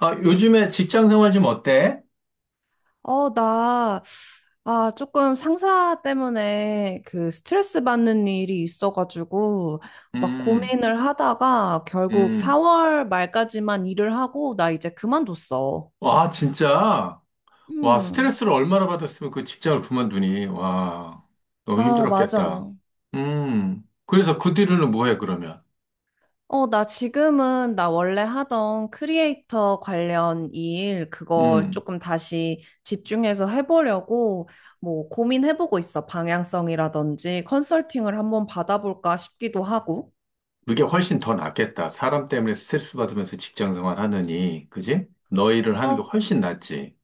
아, 요즘에 직장 생활 좀 어때? 어, 나, 아, 조금 상사 때문에 그 스트레스 받는 일이 있어가지고, 막 음, 고민을 하다가 결국 음. 4월 말까지만 일을 하고, 나 이제 그만뒀어. 와, 진짜. 와, 음. 스트레스를 얼마나 받았으면 그 직장을 그만두니. 와, 너무 아, 맞아. 힘들었겠다. 음. 그래서 그 뒤로는 뭐해, 그러면? 어, 나 지금은 나 원래 하던 크리에이터 관련 일, 그걸 음. 조금 다시 집중해서 해보려고, 뭐, 고민해보고 있어. 방향성이라든지 컨설팅을 한번 받아볼까 싶기도 하고. 그게 훨씬 더 낫겠다. 사람 때문에 스트레스 받으면서 직장 생활 하느니. 그지? 너 일을 하는 게 훨씬 낫지.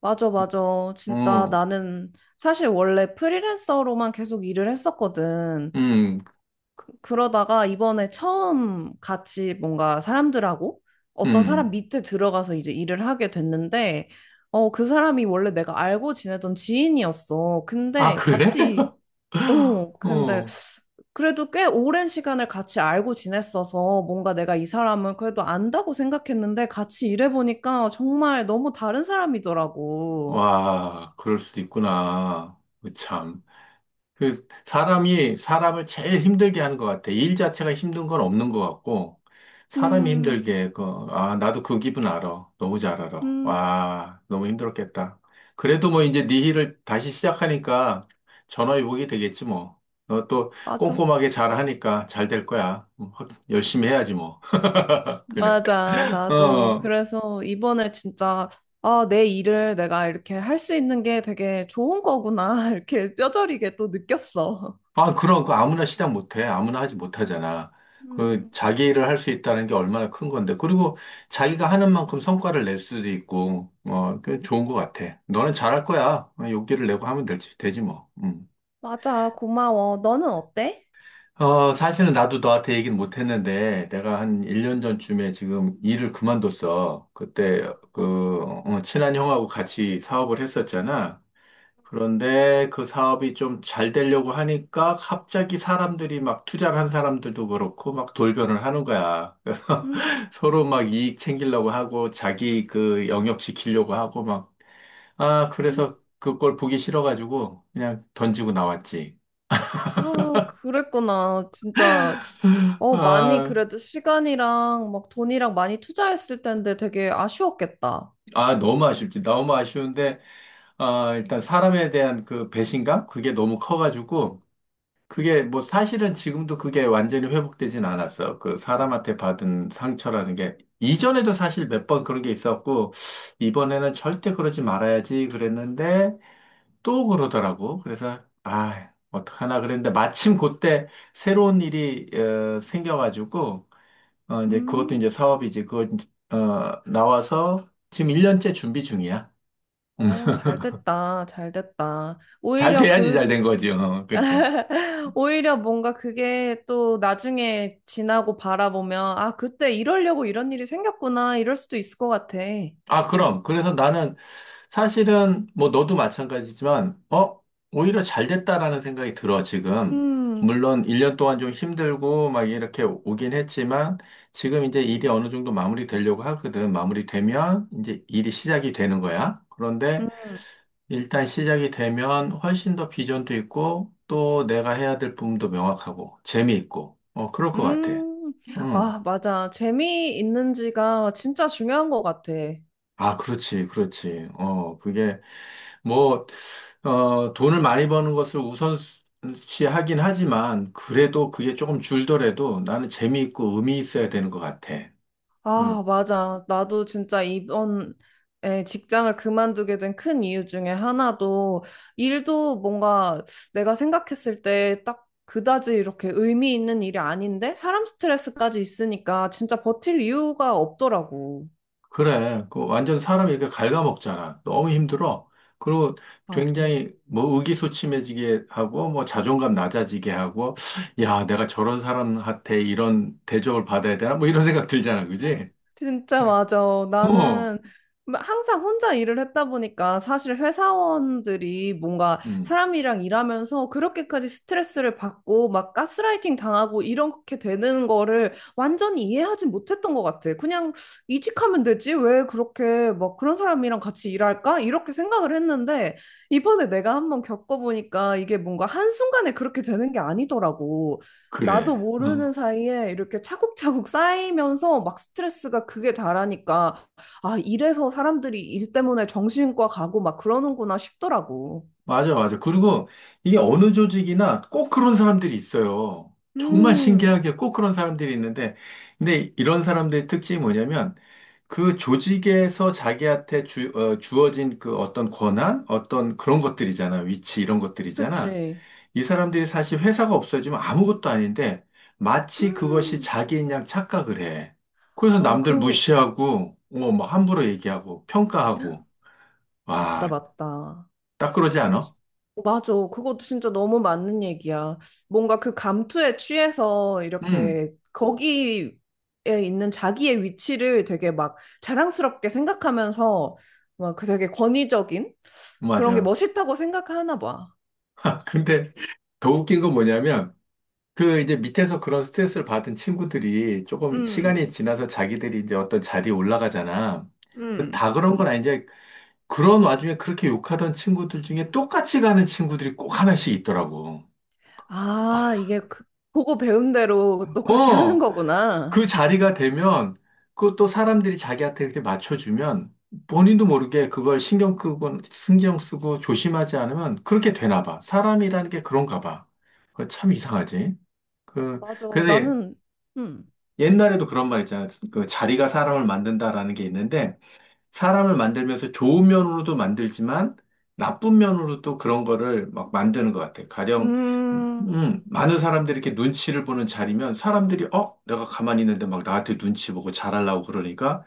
맞아, 맞아. 진짜 어, 나는 사실 원래 프리랜서로만 계속 일을 했었거든. 음, 그, 러다가 이번에 처음 같이 뭔가 사람들하고 어떤 사람 음. 밑에 들어가서 이제 일을 하게 됐는데, 어, 그 사람이 원래 내가 알고 지내던 지인이었어. 아, 근데 그래? 같이, 어, 근데 어, 그래도 꽤 오랜 시간을 같이 알고 지냈어서 뭔가 내가 이 사람은 그래도 안다고 생각했는데 같이 일해보니까 정말 너무 다른 사람이더라고. 와, 그럴 수도 있구나. 그 참. 그 사람이 사람을 제일 힘들게 하는 것 같아. 일 자체가 힘든 건 없는 것 같고, 사람이 음, 힘들게, 그, 아, 나도 그 기분 알아. 너무 잘 알아. 음, 와, 너무 힘들었겠다. 그래도 뭐 이제 네 일을 다시 시작하니까 전화위복이 되겠지 뭐. 너 또 맞아. 꼼꼼하게 잘 하니까 잘 될 거야. 확- 열심히 해야지 뭐. 그래. 맞아. 나도 어. 그래서 이번에 진짜 아, 내 일을 내가 이렇게 할 수 있는 게 되게 좋은 거구나. 이렇게 뼈저리게 또 느꼈어. 아, 그럼 그 아무나 시작 못해. 아무나 하지 못하잖아. 그 음, 자기 일을 할 수 있다는 게 얼마나 큰 건데. 그리고 자기가 하는 만큼 성과를 낼 수도 있고, 어, 그 좋은 것 같아. 너는 잘 할 거야. 어, 용기를 내고 하면 되지 뭐. 음. 맞아. 고마워. 너는 어때? 어, 사실은 나도 너한테 얘기는 못 했는데, 내가 한 1년 전쯤에 지금 일을 그만뒀어. 그때, 아, 그, 어, 친한 형하고 같이 사업을 했었잖아. 그런데 그 사업이 좀 잘 되려고 하니까 갑자기 사람들이 막 투자를 한 사람들도 그렇고 막 돌변을 하는 거야. 그래서 음, 서로 막 이익 챙기려고 하고 자기 그 영역 지키려고 하고 막, 아, 음. 그래서 그걸 보기 싫어가지고 그냥 던지고 나왔지. 아, 그랬구나. 진짜 어, 많이 아, 그래도 시간이랑 막 돈이랑 많이 투자했을 텐데 되게 아쉬웠겠다. 아, 너무 아쉽지. 너무 아쉬운데, 아, 일단 사람에 대한 그 배신감? 그게 너무 커가지고 그게 뭐 사실은 지금도 그게 완전히 회복되진 않았어. 그 사람한테 받은 상처라는 게 이전에도 사실 몇 번 그런 게 있었고 이번에는 절대 그러지 말아야지 그랬는데 또 그러더라고. 그래서 아, 어떡하나 그랬는데 마침 그때 새로운 일이 어, 생겨가지고 어, 이제 그것도 음, 이제 사업이지. 그거 이제, 어, 나와서 지금 1년째 준비 중이야. 음. 어, 잘 됐다. 잘 됐다. 잘 오히려 돼야지 잘 그 된 거지. 어, 그렇지. 오히려 뭔가 그게 또 나중에 지나고 바라보면, 아, 그때 이러려고 이런 일이 생겼구나, 이럴 수도 있을 것 같아. 아, 그럼. 그래서 나는 사실은 뭐 너도 마찬가지지만, 어, 오히려 잘 됐다라는 생각이 들어, 지금. 음, 물론 1년 동안 좀 힘들고 막 이렇게 오긴 했지만, 지금 이제 일이 어느 정도 마무리되려고 하거든. 마무리되면 이제 일이 시작이 되는 거야. 그런데 음, 일단 시작이 되면 훨씬 더 비전도 있고, 또 내가 해야 될 부분도 명확하고, 재미있고, 어, 그럴 것 같아. 음. 응. 아, 맞아. 재미있는지가 진짜 중요한 것 같아. 아, 그렇지, 그렇지. 어, 그게 뭐, 어, 돈을 많이 버는 것을 우선시하긴 하지만, 그래도 그게 조금 줄더라도 나는 재미있고 의미 있어야 되는 것 같아. 음, 아, 맞아. 나도 진짜 이번에 직장을 그만두게 된 큰 이유 중에 하나도 일도 뭔가 내가 생각했을 때 딱 그다지 이렇게 의미 있는 일이 아닌데 사람 스트레스까지 있으니까 진짜 버틸 이유가 없더라고. 그래. 그 완전 사람이 이렇게 갉아먹잖아. 너무 힘들어. 그리고 맞아. 굉장히 뭐 의기소침해지게 하고, 뭐 자존감 낮아지게 하고, 야, 내가 저런 사람한테 이런 대접을 받아야 되나? 뭐 이런 생각 들잖아. 그지? 진짜 맞아. 어, 나는 항상 혼자 일을 했다 보니까 사실 회사원들이 뭔가 음, 사람이랑 일하면서 그렇게까지 스트레스를 받고 막 가스라이팅 당하고 이렇게 되는 거를 완전히 이해하지 못했던 것 같아. 그냥 이직하면 되지? 왜 그렇게 막 그런 사람이랑 같이 일할까? 이렇게 생각을 했는데 이번에 내가 한번 겪어보니까 이게 뭔가 한순간에 그렇게 되는 게 아니더라고. 그래. 나도 모르는 어. 사이에 이렇게 차곡차곡 쌓이면서 막 스트레스가 그게 다라니까, 아, 이래서 사람들이 일 때문에 정신과 가고 막 그러는구나 싶더라고. 맞아, 맞아. 그리고 이게 어느 조직이나 꼭 그런 사람들이 있어요. 정말 음, 신기하게 꼭 그런 사람들이 있는데, 근데 이런 사람들의 특징이 뭐냐면, 그 조직에서 자기한테 어, 주어진 그 어떤 권한, 어떤 그런 것들이잖아. 위치 이런 것들이잖아. 그치. 이 사람들이 사실 회사가 없어지면 아무것도 아닌데, 마치 그것이 음, 자기인 양 착각을 해. 그래서 아, 남들 그, 무시하고, 뭐 함부로 얘기하고, 평가하고. 맞다, 와, 맞다. 딱 그러지 진짜 않아? 맞아. 그것도 진짜 너무 맞는 얘기야. 뭔가 그 감투에 취해서 응, 이렇게 거기에 있는 자기의 위치를 되게 막 자랑스럽게 생각하면서 막 그 되게 권위적인 그런 게 맞아. 멋있다고 생각하나 봐. 아, 근데 더 웃긴 건 뭐냐면, 그 이제 밑에서 그런 스트레스를 받은 친구들이 조금 음, 시간이 지나서 자기들이 이제 어떤 자리에 올라가잖아. 근데 음. 다 그런 건 아닌데, 그런 와중에 그렇게 욕하던 친구들 중에 똑같이 가는 친구들이 꼭 하나씩 있더라고. 아, 이게 그, 보고 배운 대로 또 그렇게 하는 어, 거구나. 그 자리가 되면, 그것도 사람들이 자기한테 이렇게 맞춰주면, 본인도 모르게 그걸 신경 쓰고 조심하지 않으면 그렇게 되나 봐. 사람이라는 게 그런가 봐. 그거 참 이상하지. 그, 맞아. 그래서 나는 음. 옛날에도 그런 말 있잖아요. 그 자리가 사람을 만든다라는 게 있는데, 사람을 만들면서 좋은 면으로도 만들지만, 나쁜 면으로도 그런 거를 막 만드는 것 같아요. 가령, 음. 많은 사람들이 이렇게 눈치를 보는 자리면, 사람들이, 어? 내가 가만히 있는데 막 나한테 눈치 보고 잘하려고 그러니까,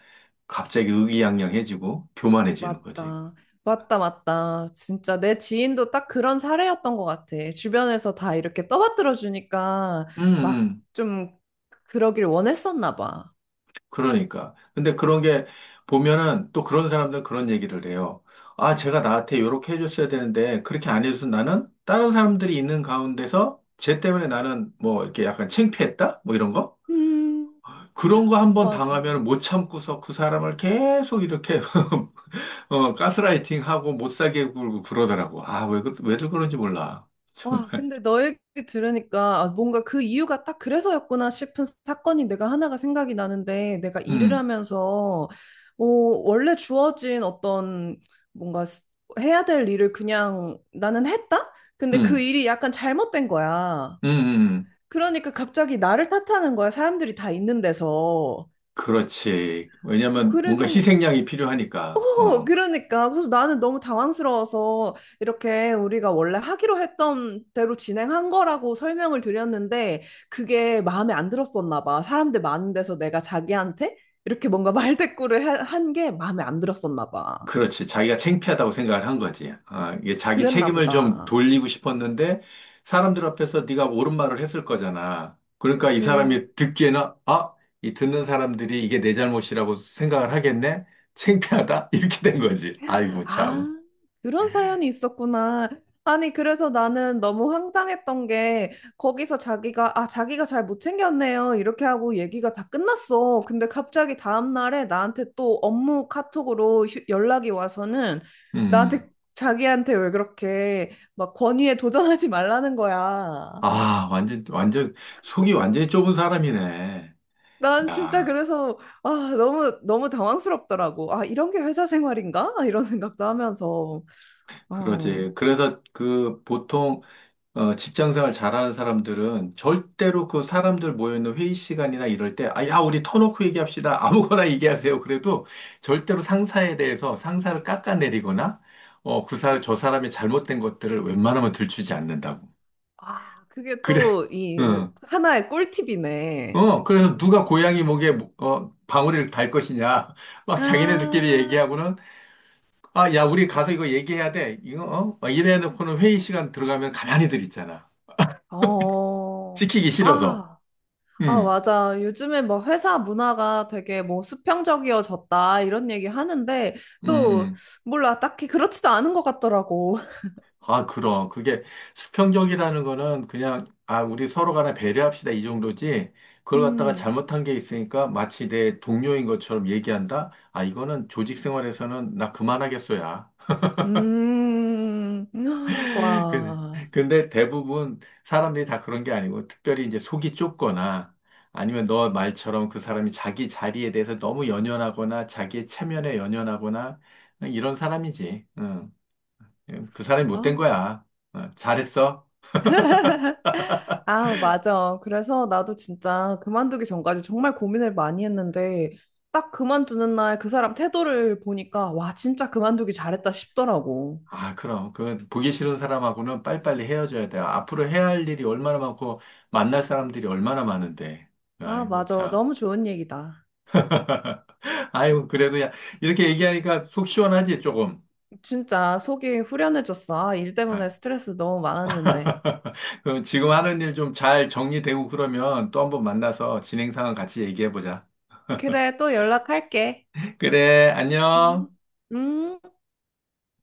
갑자기 의기양양해지고, 교만해지는 거지. 맞다. 맞다, 맞다. 진짜 내 지인도 딱 그런 사례였던 것 같아. 주변에서 다 이렇게 떠받들어 주니까 음, 막 음. 좀 그러길 원했었나 봐. 그러니까. 근데 그런 게 보면은 또 그런 사람들은 그런 얘기를 해요. 아, 제가 나한테 요렇게 해줬어야 되는데 그렇게 안 해줘서 나는 다른 사람들이 있는 가운데서 쟤 때문에 나는 뭐 이렇게 약간 창피했다? 뭐 이런 거? 음, 그런 거 한 번 맞아. 당하면 못 참고서 그 사람을 계속 이렇게 어, 가스라이팅하고 못 살게 굴고 그러더라고. 아, 왜, 왜들 그런지 몰라. 와, 정말. 근데 너 얘기 들으니까 아, 뭔가 그 이유가 딱 그래서였구나 싶은 사건이 내가 하나가 생각이 나는데 내가 일을 음, 하면서 어, 원래 주어진 어떤 뭔가 해야 될 일을 그냥 나는 했다? 근데 그 음, 일이 약간 잘못된 거야. 음, 음. 음. 그러니까 갑자기 나를 탓하는 거야. 사람들이 다 있는 데서. 그렇지. 왜냐면 뭔가 그래서, 희생양이 필요하니까. 어, 어. 그러니까. 그래서 나는 너무 당황스러워서 이렇게 우리가 원래 하기로 했던 대로 진행한 거라고 설명을 드렸는데 그게 마음에 안 들었었나 봐. 사람들 많은 데서 내가 자기한테 이렇게 뭔가 말대꾸를 한 게 마음에 안 들었었나 봐. 그렇지. 자기가 창피하다고 생각을 한 거지. 아, 이게 자기 그랬나 책임을 좀 보다. 돌리고 싶었는데 사람들 앞에서 네가 옳은 말을 했을 거잖아. 그러니까 이 그치. 사람이 듣기에는 아, 이 듣는 사람들이 이게 내 잘못이라고 생각을 하겠네? 창피하다? 이렇게 된 거지. 아이고 아, 참. 그런 사연이 있었구나. 아니, 그래서 나는 너무 황당했던 게, 거기서 자기가, 아, 자기가 잘 못 챙겼네요. 이렇게 하고 얘기가 다 끝났어. 근데 갑자기 다음날에 나한테 또 업무 카톡으로 연락이 와서는 음. 나한테, 자기한테 왜 그렇게 막 권위에 도전하지 말라는 거야. 아, 완전 속이 완전히 좁은 사람이네. 난 진짜 야, 그래서, 아, 너무, 너무 당황스럽더라고. 아, 이런 게 회사 생활인가? 이런 생각도 하면서. 그러지. 어. 그래서 그 보통 어, 직장 생활 잘하는 사람들은 절대로 그 사람들 모여있는 회의 시간이나 이럴 때, 아, 야, 우리 터놓고 얘기합시다. 아무거나 얘기하세요. 그래도 절대로 상사에 대해서 상사를 깎아내리거나, 어, 그 저 사람이 잘못된 것들을 웬만하면 들추지 않는다고. 아, 그게 그래, 또 이 응. 하나의 꿀팁이네. 어, 그래서 음. 누가 고양이 목에, 어, 방울이를 달 것이냐. 막 자기네들끼리 아, 얘기하고는, 아, 야, 우리 가서 이거 얘기해야 돼. 이거, 어? 막 이래 놓고는 회의 시간 들어가면 가만히들 있잖아. 어, 찍히기 싫어서. 아, 아, 음, 맞아. 요즘에 뭐 회사 문화가 되게 뭐 수평적이어졌다 이런 얘기 하는데 음, 또 음. 몰라 딱히 그렇지도 않은 것 같더라고. 아, 그럼. 그게 수평적이라는 거는 그냥, 아, 우리 서로 간에 배려합시다. 이 정도지. 그걸 갖다가 음, 잘못한 게 있으니까 마치 내 동료인 것처럼 얘기한다? 아, 이거는 조직 생활에서는 나 그만하겠어야. 음, 근데 와, 근데 대부분 사람들이 다 그런 게 아니고, 특별히 이제 속이 좁거나, 아니면 너 말처럼 그 사람이 자기 자리에 대해서 너무 연연하거나, 자기의 체면에 연연하거나, 이런 사람이지. 응. 그 사람이 못된 아, 거야. 어, 잘했어. 아, 맞아. 그래서 나도 진짜 그만두기 전까지 정말 고민을 많이 했는데, 딱 그만두는 날 그 사람 태도를 보니까, 와, 진짜 그만두기 잘했다 싶더라고. 아, 그럼. 그, 보기 싫은 사람하고는 빨리빨리 헤어져야 돼요. 앞으로 해야 할 일이 얼마나 많고, 만날 사람들이 얼마나 많은데. 아, 아이고, 맞아. 참. 너무 좋은 얘기다. 아이고, 그래도 야, 이렇게 얘기하니까 속 시원하지, 조금. 진짜 속이 후련해졌어. 아, 일 아, 때문에 스트레스 너무 많았는데. 그럼 지금 하는 일 좀 잘 정리되고 그러면 또 한번 만나서 진행 상황 같이 얘기해보자. 그래, 또 연락할게. 그래, 안녕. 음. 음.